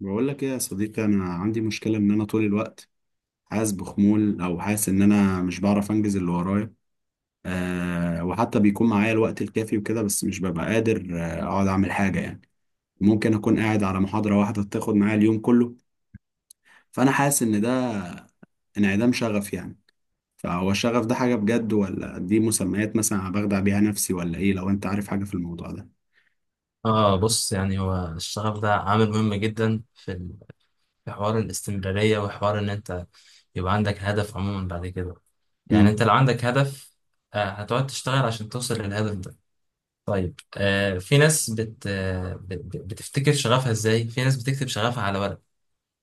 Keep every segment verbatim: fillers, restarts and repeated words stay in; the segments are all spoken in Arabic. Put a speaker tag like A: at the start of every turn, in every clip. A: بقول لك ايه يا صديقي، انا عندي مشكله ان انا طول الوقت حاسس بخمول، او حاسس ان انا مش بعرف انجز اللي ورايا. أه، وحتى بيكون معايا الوقت الكافي وكده، بس مش ببقى قادر آه، اقعد اعمل حاجه يعني. ممكن اكون قاعد على محاضره واحده تاخد معايا اليوم كله. فانا حاسس ان ده انعدام شغف يعني. فهو الشغف ده حاجه بجد، ولا دي مسميات مثلا أنا بخدع بيها نفسي، ولا ايه؟ لو انت عارف حاجه في الموضوع ده.
B: اه، بص يعني هو الشغف ده عامل مهم جدا في ال- في حوار الاستمرارية وحوار ان انت يبقى عندك هدف عموما بعد كده. يعني
A: امم.
B: انت لو عندك هدف آه هتقعد تشتغل عشان توصل للهدف ده. طيب، آه في ناس بت آه بت- بتفتكر شغفها ازاي. في ناس بتكتب شغفها على ورق،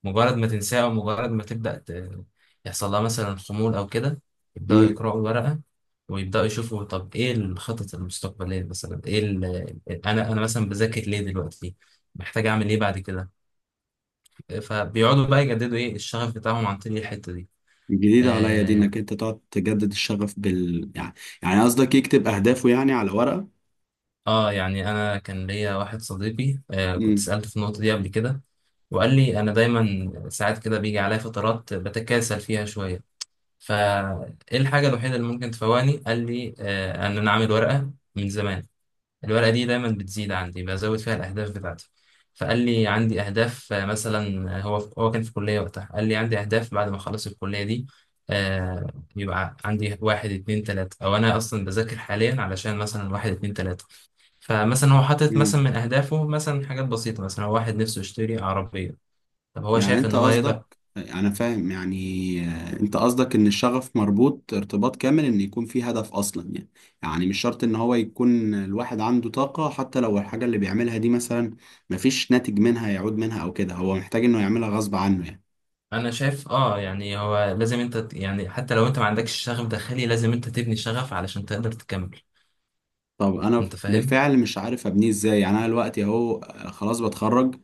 B: مجرد ما تنساه أو مجرد ما تبدأ ت- يحصل لها مثلا خمول أو كده، يبدأوا يقرأوا الورقة ويبدأوا يشوفوا طب إيه الخطط المستقبلية، مثلا إيه ال- أنا أنا مثلا بذاكر ليه دلوقتي، محتاج أعمل إيه بعد كده. فبيقعدوا بقى يجددوا إيه الشغف بتاعهم عن طريق الحتة دي.
A: جديدة عليا دي،
B: آه،
A: انك انت تقعد تجدد الشغف بال يعني. يعني قصدك يكتب اهدافه يعني على ورقة.
B: آه يعني أنا كان ليا واحد صديقي آه كنت
A: امم.
B: سألته في النقطة دي قبل كده. وقال لي أنا دايما ساعات كده بيجي عليا فترات بتكاسل فيها شوية، فايه الحاجة الوحيدة اللي ممكن تفوقني؟ قال لي آه، ان انا اعمل ورقة من زمان، الورقة دي دايما بتزيد عندي، بزود فيها الاهداف بتاعتي. فقال لي عندي اهداف، آه، مثلا، آه، هو هو كان في كلية وقتها، قال لي عندي اهداف بعد ما اخلص الكلية دي. آه، يبقى عندي واحد اتنين تلاتة، او انا اصلا بذاكر حاليا علشان مثلا واحد اتنين تلاتة. فمثلا هو حاطط مثلا
A: امم.
B: من اهدافه مثلا حاجات بسيطة، مثلا هو واحد نفسه يشتري عربية. طب هو
A: يعني
B: شايف
A: انت
B: ان هو يقدر.
A: قصدك، انا فاهم يعني. آه، انت قصدك ان الشغف مربوط ارتباط كامل ان يكون في هدف اصلا يعني. يعني مش شرط ان هو يكون الواحد عنده طاقة، حتى لو الحاجة اللي بيعملها دي مثلا مفيش ناتج منها يعود منها او كده، هو محتاج انه يعملها غصب عنه يعني.
B: انا شايف، اه يعني هو لازم انت ت- يعني حتى لو انت ما عندكش شغف داخلي لازم انت تبني شغف علشان تقدر تكمل.
A: طب انا
B: انت فاهم؟
A: بالفعل مش عارف ابنيه ازاي. يعني انا دلوقتي اهو آه، خلاص بتخرج.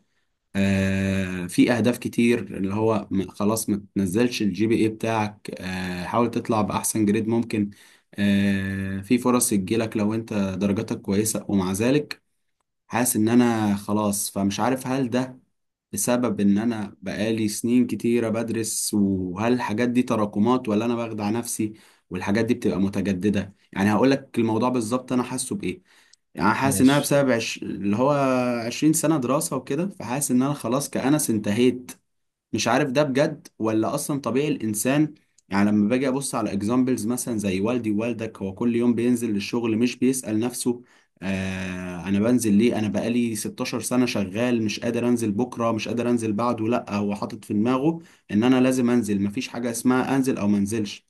A: آه، في اهداف كتير، اللي هو م- خلاص ما تنزلش الجي بي اي بتاعك، آه، حاول تطلع باحسن جريد ممكن، آه، في فرص تجيلك لو انت درجاتك كويسة. ومع ذلك حاسس ان انا خلاص. فمش عارف هل ده بسبب ان انا بقالي سنين كتيرة بدرس، وهل الحاجات دي تراكمات، ولا انا بخدع نفسي والحاجات دي بتبقى متجددة. يعني هقولك الموضوع بالظبط انا حاسه بايه. يعني حاسس انها
B: ماشي.
A: بسبب عش... اللي هو عشرين سنة دراسة وكده. فحاسس ان انا خلاص كأنس انتهيت. مش عارف ده بجد، ولا اصلا طبيعي الانسان. يعني لما باجي ابص على اكزامبلز مثلا زي والدي ووالدك، هو كل يوم بينزل للشغل مش بيسأل نفسه آه انا بنزل ليه، انا بقالي ستاشر سنة شغال مش قادر انزل بكرة، مش قادر انزل بعده. لا، هو حاطط في دماغه ان انا لازم انزل، مفيش حاجة اسمها انزل او منزلش.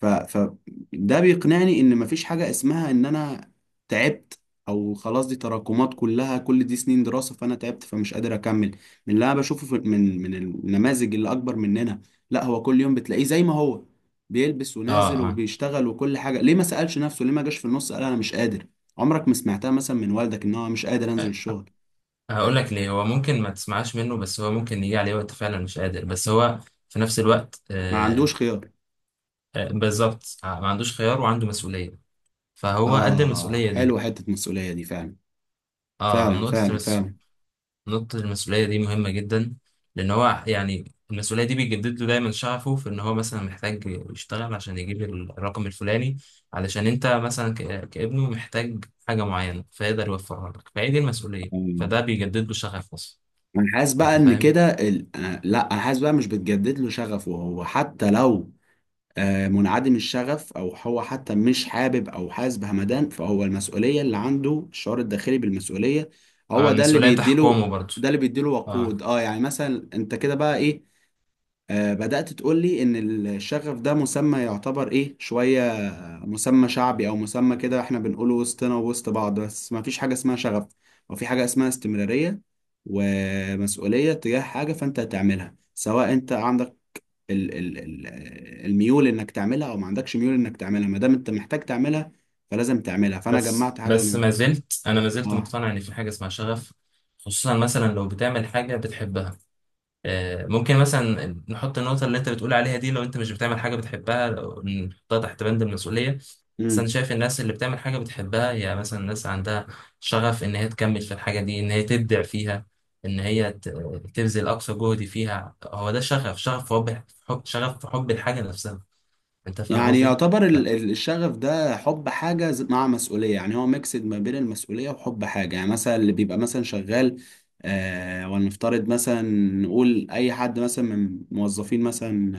A: ف... فده بيقنعني ان مفيش حاجة اسمها ان انا تعبت، او خلاص دي تراكمات كلها، كل دي سنين دراسة، فانا تعبت فمش قادر اكمل. من اللي انا بشوفه في من من النماذج اللي اكبر مننا، لا هو كل يوم بتلاقيه زي ما هو بيلبس
B: اه،
A: ونازل
B: اه.
A: وبيشتغل وكل حاجة. ليه ما سألش نفسه؟ ليه ما جاش في النص قال انا مش قادر؟ عمرك ما سمعتها مثلا من والدك ان هو مش قادر انزل
B: أه،
A: الشغل.
B: هقول لك ليه هو ممكن ما تسمعش منه، بس هو ممكن يجي عليه وقت فعلا مش قادر، بس هو في نفس الوقت
A: ما عندوش
B: آه
A: خيار.
B: آه بالظبط، آه، ما عندوش خيار وعنده مسؤولية. فهو قد
A: اه،
B: المسؤولية دي.
A: حلو حتة مسؤولية دي فعلا.
B: اه،
A: فعلا
B: نقطة.
A: فعلا
B: نقطة المسؤولية دي مهمة جدا، لأن هو يعني المسؤولية دي بيجدد له دايما شغفه في إن هو مثلا محتاج يشتغل عشان يجيب الرقم الفلاني، علشان أنت مثلا ك- كابنه محتاج حاجة معينة فيقدر يوفرها لك. فهي دي المسؤولية،
A: فعلا.
B: فده بيجدد له شغف أصلا.
A: انا حاسس بقى
B: أنت
A: ان
B: فاهم؟
A: كده ال... آه، لا، انا حاسس بقى مش بتجدد له شغفه هو حتى لو آه، منعدم الشغف، او هو حتى مش حابب او حاسس بهمدان، فهو المسؤوليه اللي عنده، الشعور الداخلي بالمسؤوليه،
B: آه،
A: هو ده اللي
B: المسؤولية
A: بيديله.
B: تحكمه برضه.
A: ده اللي بيديله وقود.
B: أه.
A: اه يعني مثلا انت كده بقى ايه، آه، بدأت تقول لي ان الشغف ده مسمى يعتبر ايه شويه، مسمى شعبي، او مسمى كده احنا بنقوله وسطنا ووسط بعض، بس ما فيش حاجه اسمها شغف، او في حاجه اسمها استمراريه ومسؤوليه تجاه حاجه، فانت هتعملها سواء انت عندك ال ال ال الميول انك تعملها، او ما عندكش ميول انك تعملها، ما دام انت محتاج تعملها، فلازم تعملها. فانا
B: بس
A: جمعت حاجه
B: بس
A: من،
B: ما زلت أنا ما زلت مقتنع إن في حاجة اسمها شغف، خصوصا مثلا لو بتعمل حاجة بتحبها. آه، ممكن مثلا نحط النقطة اللي أنت بتقول عليها دي. لو أنت مش بتعمل حاجة بتحبها، لو- نحطها تحت بند المسؤولية. بس
A: اه،
B: أنا شايف الناس اللي بتعمل حاجة بتحبها، هي مثلا الناس عندها شغف إن هي تكمل في الحاجة دي، إن هي تبدع فيها، إن هي ت- تبذل أقصى جهد فيها. هو ده شغف، شغف في حب حب- شغف في حب الحاجة نفسها. أنت فاهم
A: يعني
B: قصدي؟
A: يعتبر
B: ف...
A: ال- ال- الشغف ده حب حاجة ز- مع مسؤولية. يعني هو ميكسد ما بين المسؤولية وحب حاجة. يعني مثلا اللي بيبقى مثلا شغال، آه، ولنفترض مثلا، نقول أي حد مثلا من موظفين مثلا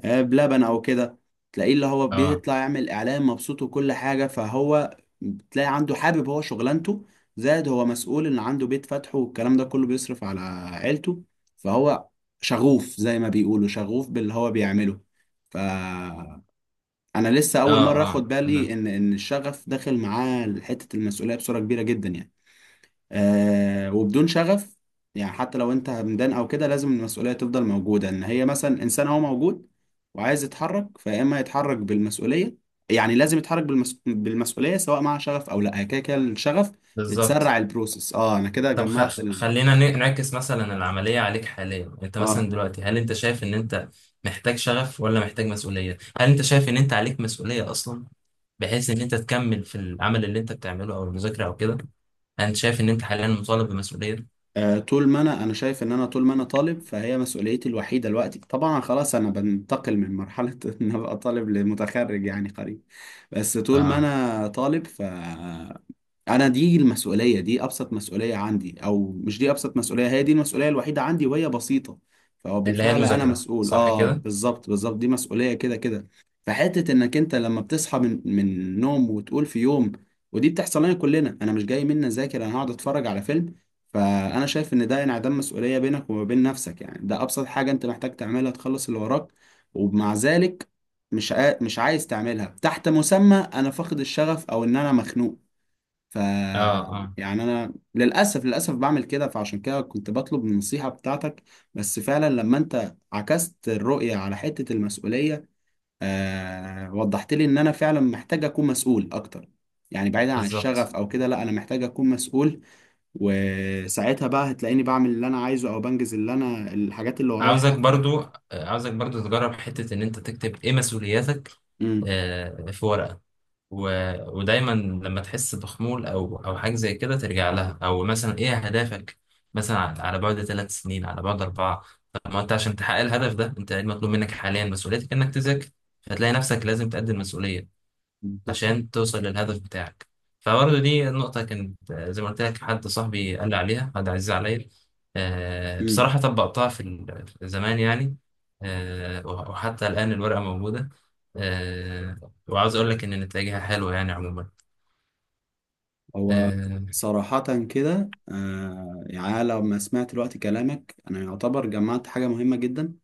A: آه بلبن أو كده، تلاقيه اللي هو
B: آه،
A: بيطلع يعمل إعلان مبسوط وكل حاجة، فهو تلاقي عنده حابب هو شغلانته، زائد هو مسؤول إن عنده بيت فاتحه، والكلام ده كله بيصرف على عيلته، فهو شغوف زي ما بيقولوا، شغوف باللي هو بيعمله. ف، انا لسه
B: آه،
A: اول مره
B: آه.
A: اخد بالي
B: أنا
A: ان ان الشغف داخل معاه حته المسؤوليه بصوره كبيره جدا يعني. آه، وبدون شغف، يعني حتى لو انت همدان او كده، لازم المسؤوليه تفضل موجوده، ان هي مثلا انسان هو موجود وعايز يتحرك، فيا اما يتحرك بالمسؤوليه. يعني لازم يتحرك بالمس... بالمسؤوليه سواء مع شغف او لا، كده كده الشغف بتسرع
B: بالظبط.
A: البروسيس. اه انا كده
B: طب خ...
A: جمعت
B: خ-
A: ال...
B: خلينا ن- نعكس مثلا العملية عليك حاليا. انت
A: اه.
B: مثلا دلوقتي، هل انت شايف ان انت محتاج شغف ولا محتاج مسؤولية؟ هل انت شايف ان انت عليك مسؤولية اصلا، بحيث ان انت تكمل في العمل اللي انت بتعمله او المذاكرة او كده؟ انت شايف ان انت حاليا مطالب بمسؤولية.
A: آه، طول ما انا انا شايف ان انا طول ما انا طالب، فهي مسؤوليتي الوحيده دلوقتي، طبعا خلاص انا بنتقل من مرحله ان ابقى طالب لمتخرج يعني قريب. بس طول ما
B: اه،
A: انا طالب ف، انا دي المسؤوليه، دي ابسط مسؤوليه عندي، او مش دي ابسط مسؤوليه، هي دي المسؤوليه الوحيده عندي وهي بسيطه. فهو
B: اللي هي
A: بالفعل انا
B: المذاكرة،
A: مسؤول،
B: صح
A: اه
B: كده؟
A: بالظبط بالظبط، دي مسؤوليه كده كده. فحته انك انت لما بتصحى من من النوم وتقول في يوم، ودي بتحصل لنا كلنا، انا مش جاي مني اذاكر، انا هقعد اتفرج على فيلم. فانا شايف ان ده انعدام مسؤوليه بينك وما بين نفسك. يعني ده ابسط حاجه انت محتاج تعملها تخلص اللي وراك، ومع ذلك مش عا... مش عايز تعملها تحت مسمى انا فاقد الشغف، او ان انا مخنوق. ف،
B: اه، اه،
A: يعني انا للاسف للاسف بعمل كده، فعشان كده كنت بطلب النصيحه بتاعتك. بس فعلا لما انت عكست الرؤيه على حته المسؤوليه، آه، وضحت لي ان انا فعلا محتاج اكون مسؤول اكتر. يعني بعيدا عن
B: بالظبط.
A: الشغف او كده، لا، انا محتاج اكون مسؤول. وساعتها بقى هتلاقيني بعمل اللي انا عايزه، او بنجز اللي انا الحاجات اللي ورايا
B: عاوزك
A: حتى.
B: برضو آه، عاوزك برضو تجرب حتة ان انت تكتب ايه مسؤولياتك،
A: امم.
B: آه، في ورقة. و... ودايما لما تحس بخمول او او حاجه زي كده ترجع لها، او مثلا ايه اهدافك مثلا، على على بعد ثلاث سنين، على بعد اربعه. طب ما انت عشان تحقق الهدف ده، انت إيه المطلوب منك حاليا؟ مسؤوليتك انك تذاكر، هتلاقي نفسك لازم تقدم مسؤوليه
A: بالظبط.
B: عشان توصل للهدف بتاعك. فبرضه دي النقطة كانت، آه، زي ما قلت لك، حد صاحبي قال لي عليها، حد عزيز عليا. آه،
A: مم.
B: بصراحة طبقتها في ال- في زمان يعني، آه، وح- وحتى الآن الورقة موجودة. آه، وعاوز أقول لك إن نتائجها حلوة يعني عموما.
A: هو
B: آه،
A: صراحة كده آه، يعني أنا لما سمعت دلوقتي كلامك أنا يعتبر جمعت حاجة مهمة جدا.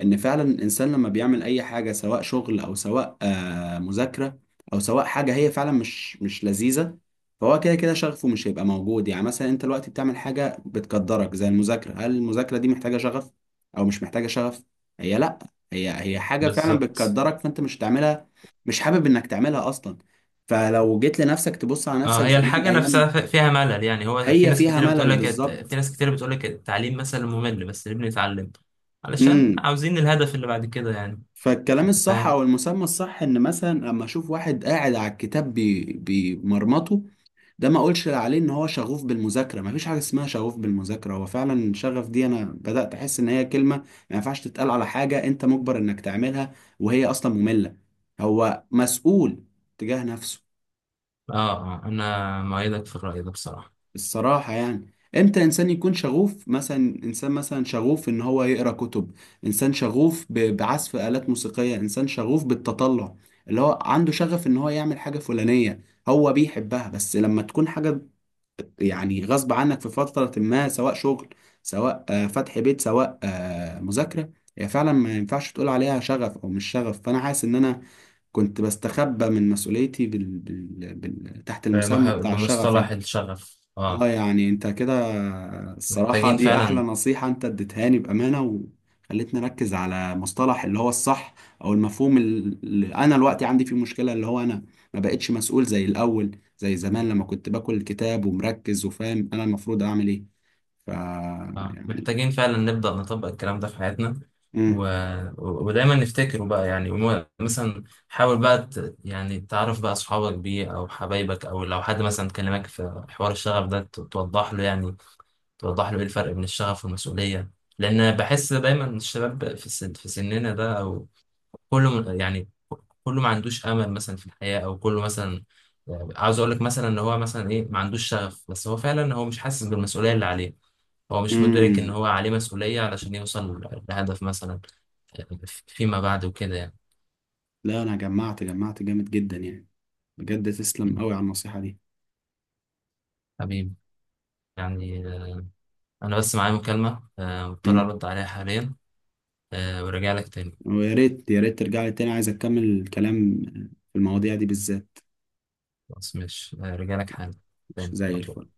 A: ان فعلا الانسان لما بيعمل اي حاجه، سواء شغل او سواء آه، مذاكره، او سواء حاجه هي فعلا مش مش لذيذه، فهو كده كده شغفه مش هيبقى موجود. يعني مثلا انت دلوقتي بتعمل حاجه بتقدرك زي المذاكره، هل المذاكره دي محتاجه شغف او مش محتاجه شغف؟ هي لا، هي هي حاجه فعلا
B: بالظبط.
A: بتقدرك، فانت مش هتعملها، مش حابب انك تعملها اصلا. فلو جيت لنفسك تبص على نفسك
B: اه هي
A: زمان
B: الحاجة
A: ايام،
B: نفسها ف- فيها ملل، يعني هو في
A: هي
B: ناس
A: فيها
B: كتير بتقول
A: ملل
B: لك، في
A: بالظبط.
B: ناس كتير بتقول لك التعليم مثلا ممل، بس ليه بنتعلم؟ علشان
A: إمم.
B: عاوزين الهدف اللي بعد كده يعني.
A: فالكلام
B: انت
A: الصح،
B: فاهم؟
A: او المسمى الصح، ان مثلا لما اشوف واحد قاعد على الكتاب بي- بيمرمطه، ده ما اقولش عليه ان هو شغوف بالمذاكره، ما فيش حاجه اسمها شغوف بالمذاكره. هو فعلا شغف دي انا بدات احس ان هي كلمه ما ينفعش تتقال على حاجه انت مجبر انك تعملها وهي اصلا ممله. هو مسؤول تجاه نفسه.
B: اه. آه، انا مؤيدك في الرأي ده بصراحة.
A: الصراحة يعني امتى انسان يكون شغوف مثلا؟ انسان مثلا شغوف ان هو يقرا كتب، انسان شغوف ب- بعزف آلات موسيقية، انسان شغوف بالتطلع، اللي هو عنده شغف ان هو يعمل حاجة فلانية، هو بيحبها. بس لما تكون حاجة يعني غصب عنك في فترة ما، سواء شغل، سواء آه، فتح بيت، سواء آه، مذاكرة، هي فعلا ما ينفعش تقول عليها شغف او مش شغف. فانا حاسس ان انا كنت بستخبى من مسؤوليتي بال... بال... بال... تحت
B: بمح-
A: المسمى بتاع الشغف
B: بمصطلح
A: يعني.
B: الشغف،
A: اه
B: اه.
A: يعني انت كده الصراحة
B: محتاجين
A: دي احلى
B: فعلا.
A: نصيحة انت اديتهاني بأمانة، وخلتني اركز على مصطلح اللي هو الصح، او المفهوم اللي انا دلوقتي عندي فيه مشكلة، اللي هو انا ما بقتش مسؤول زي الاول، زي زمان لما كنت باكل الكتاب ومركز وفاهم انا المفروض اعمل ايه. ف،
B: آه.
A: يعني.
B: محتاجين فعلا نبدأ نطبق الكلام ده في حياتنا، و...
A: امم.
B: و- ودايما نفتكره بقى يعني. وم- مثلا حاول بقى ت... يعني تعرف بقى اصحابك بيه او حبايبك، او لو حد مثلا كلمك في حوار الشغف ده ت- توضح له يعني، توضح له ايه الفرق بين الشغف والمسؤولية. لان بحس دايما الشباب في السن... في سننا ده، او كله يعني، كله ما عندوش امل مثلا في الحياه، او كله مثلا، يعني عاوز اقول لك مثلا ان هو مثلا ايه، ما عندوش شغف، بس هو فعلا هو مش حاسس بالمسؤوليه اللي عليه، هو مش مدرك ان
A: امم.
B: هو عليه مسؤوليه علشان يوصل لهدف مثلا فيما بعد وكده يعني.
A: لا انا جمعت جمعت جامد جدا يعني. بجد تسلم
B: م.
A: قوي على النصيحة دي.
B: حبيبي، يعني آه، انا بس معايا مكالمه، آه، مضطر
A: امم.
B: ارد عليها حاليا، آه، وراجع لك تاني.
A: ويا ريت يا ريت ترجع لي تاني عايز اكمل الكلام في المواضيع دي بالذات.
B: خلاص ماشي، آه، راجع لك حالا تاني
A: زي
B: على طول.
A: الفل.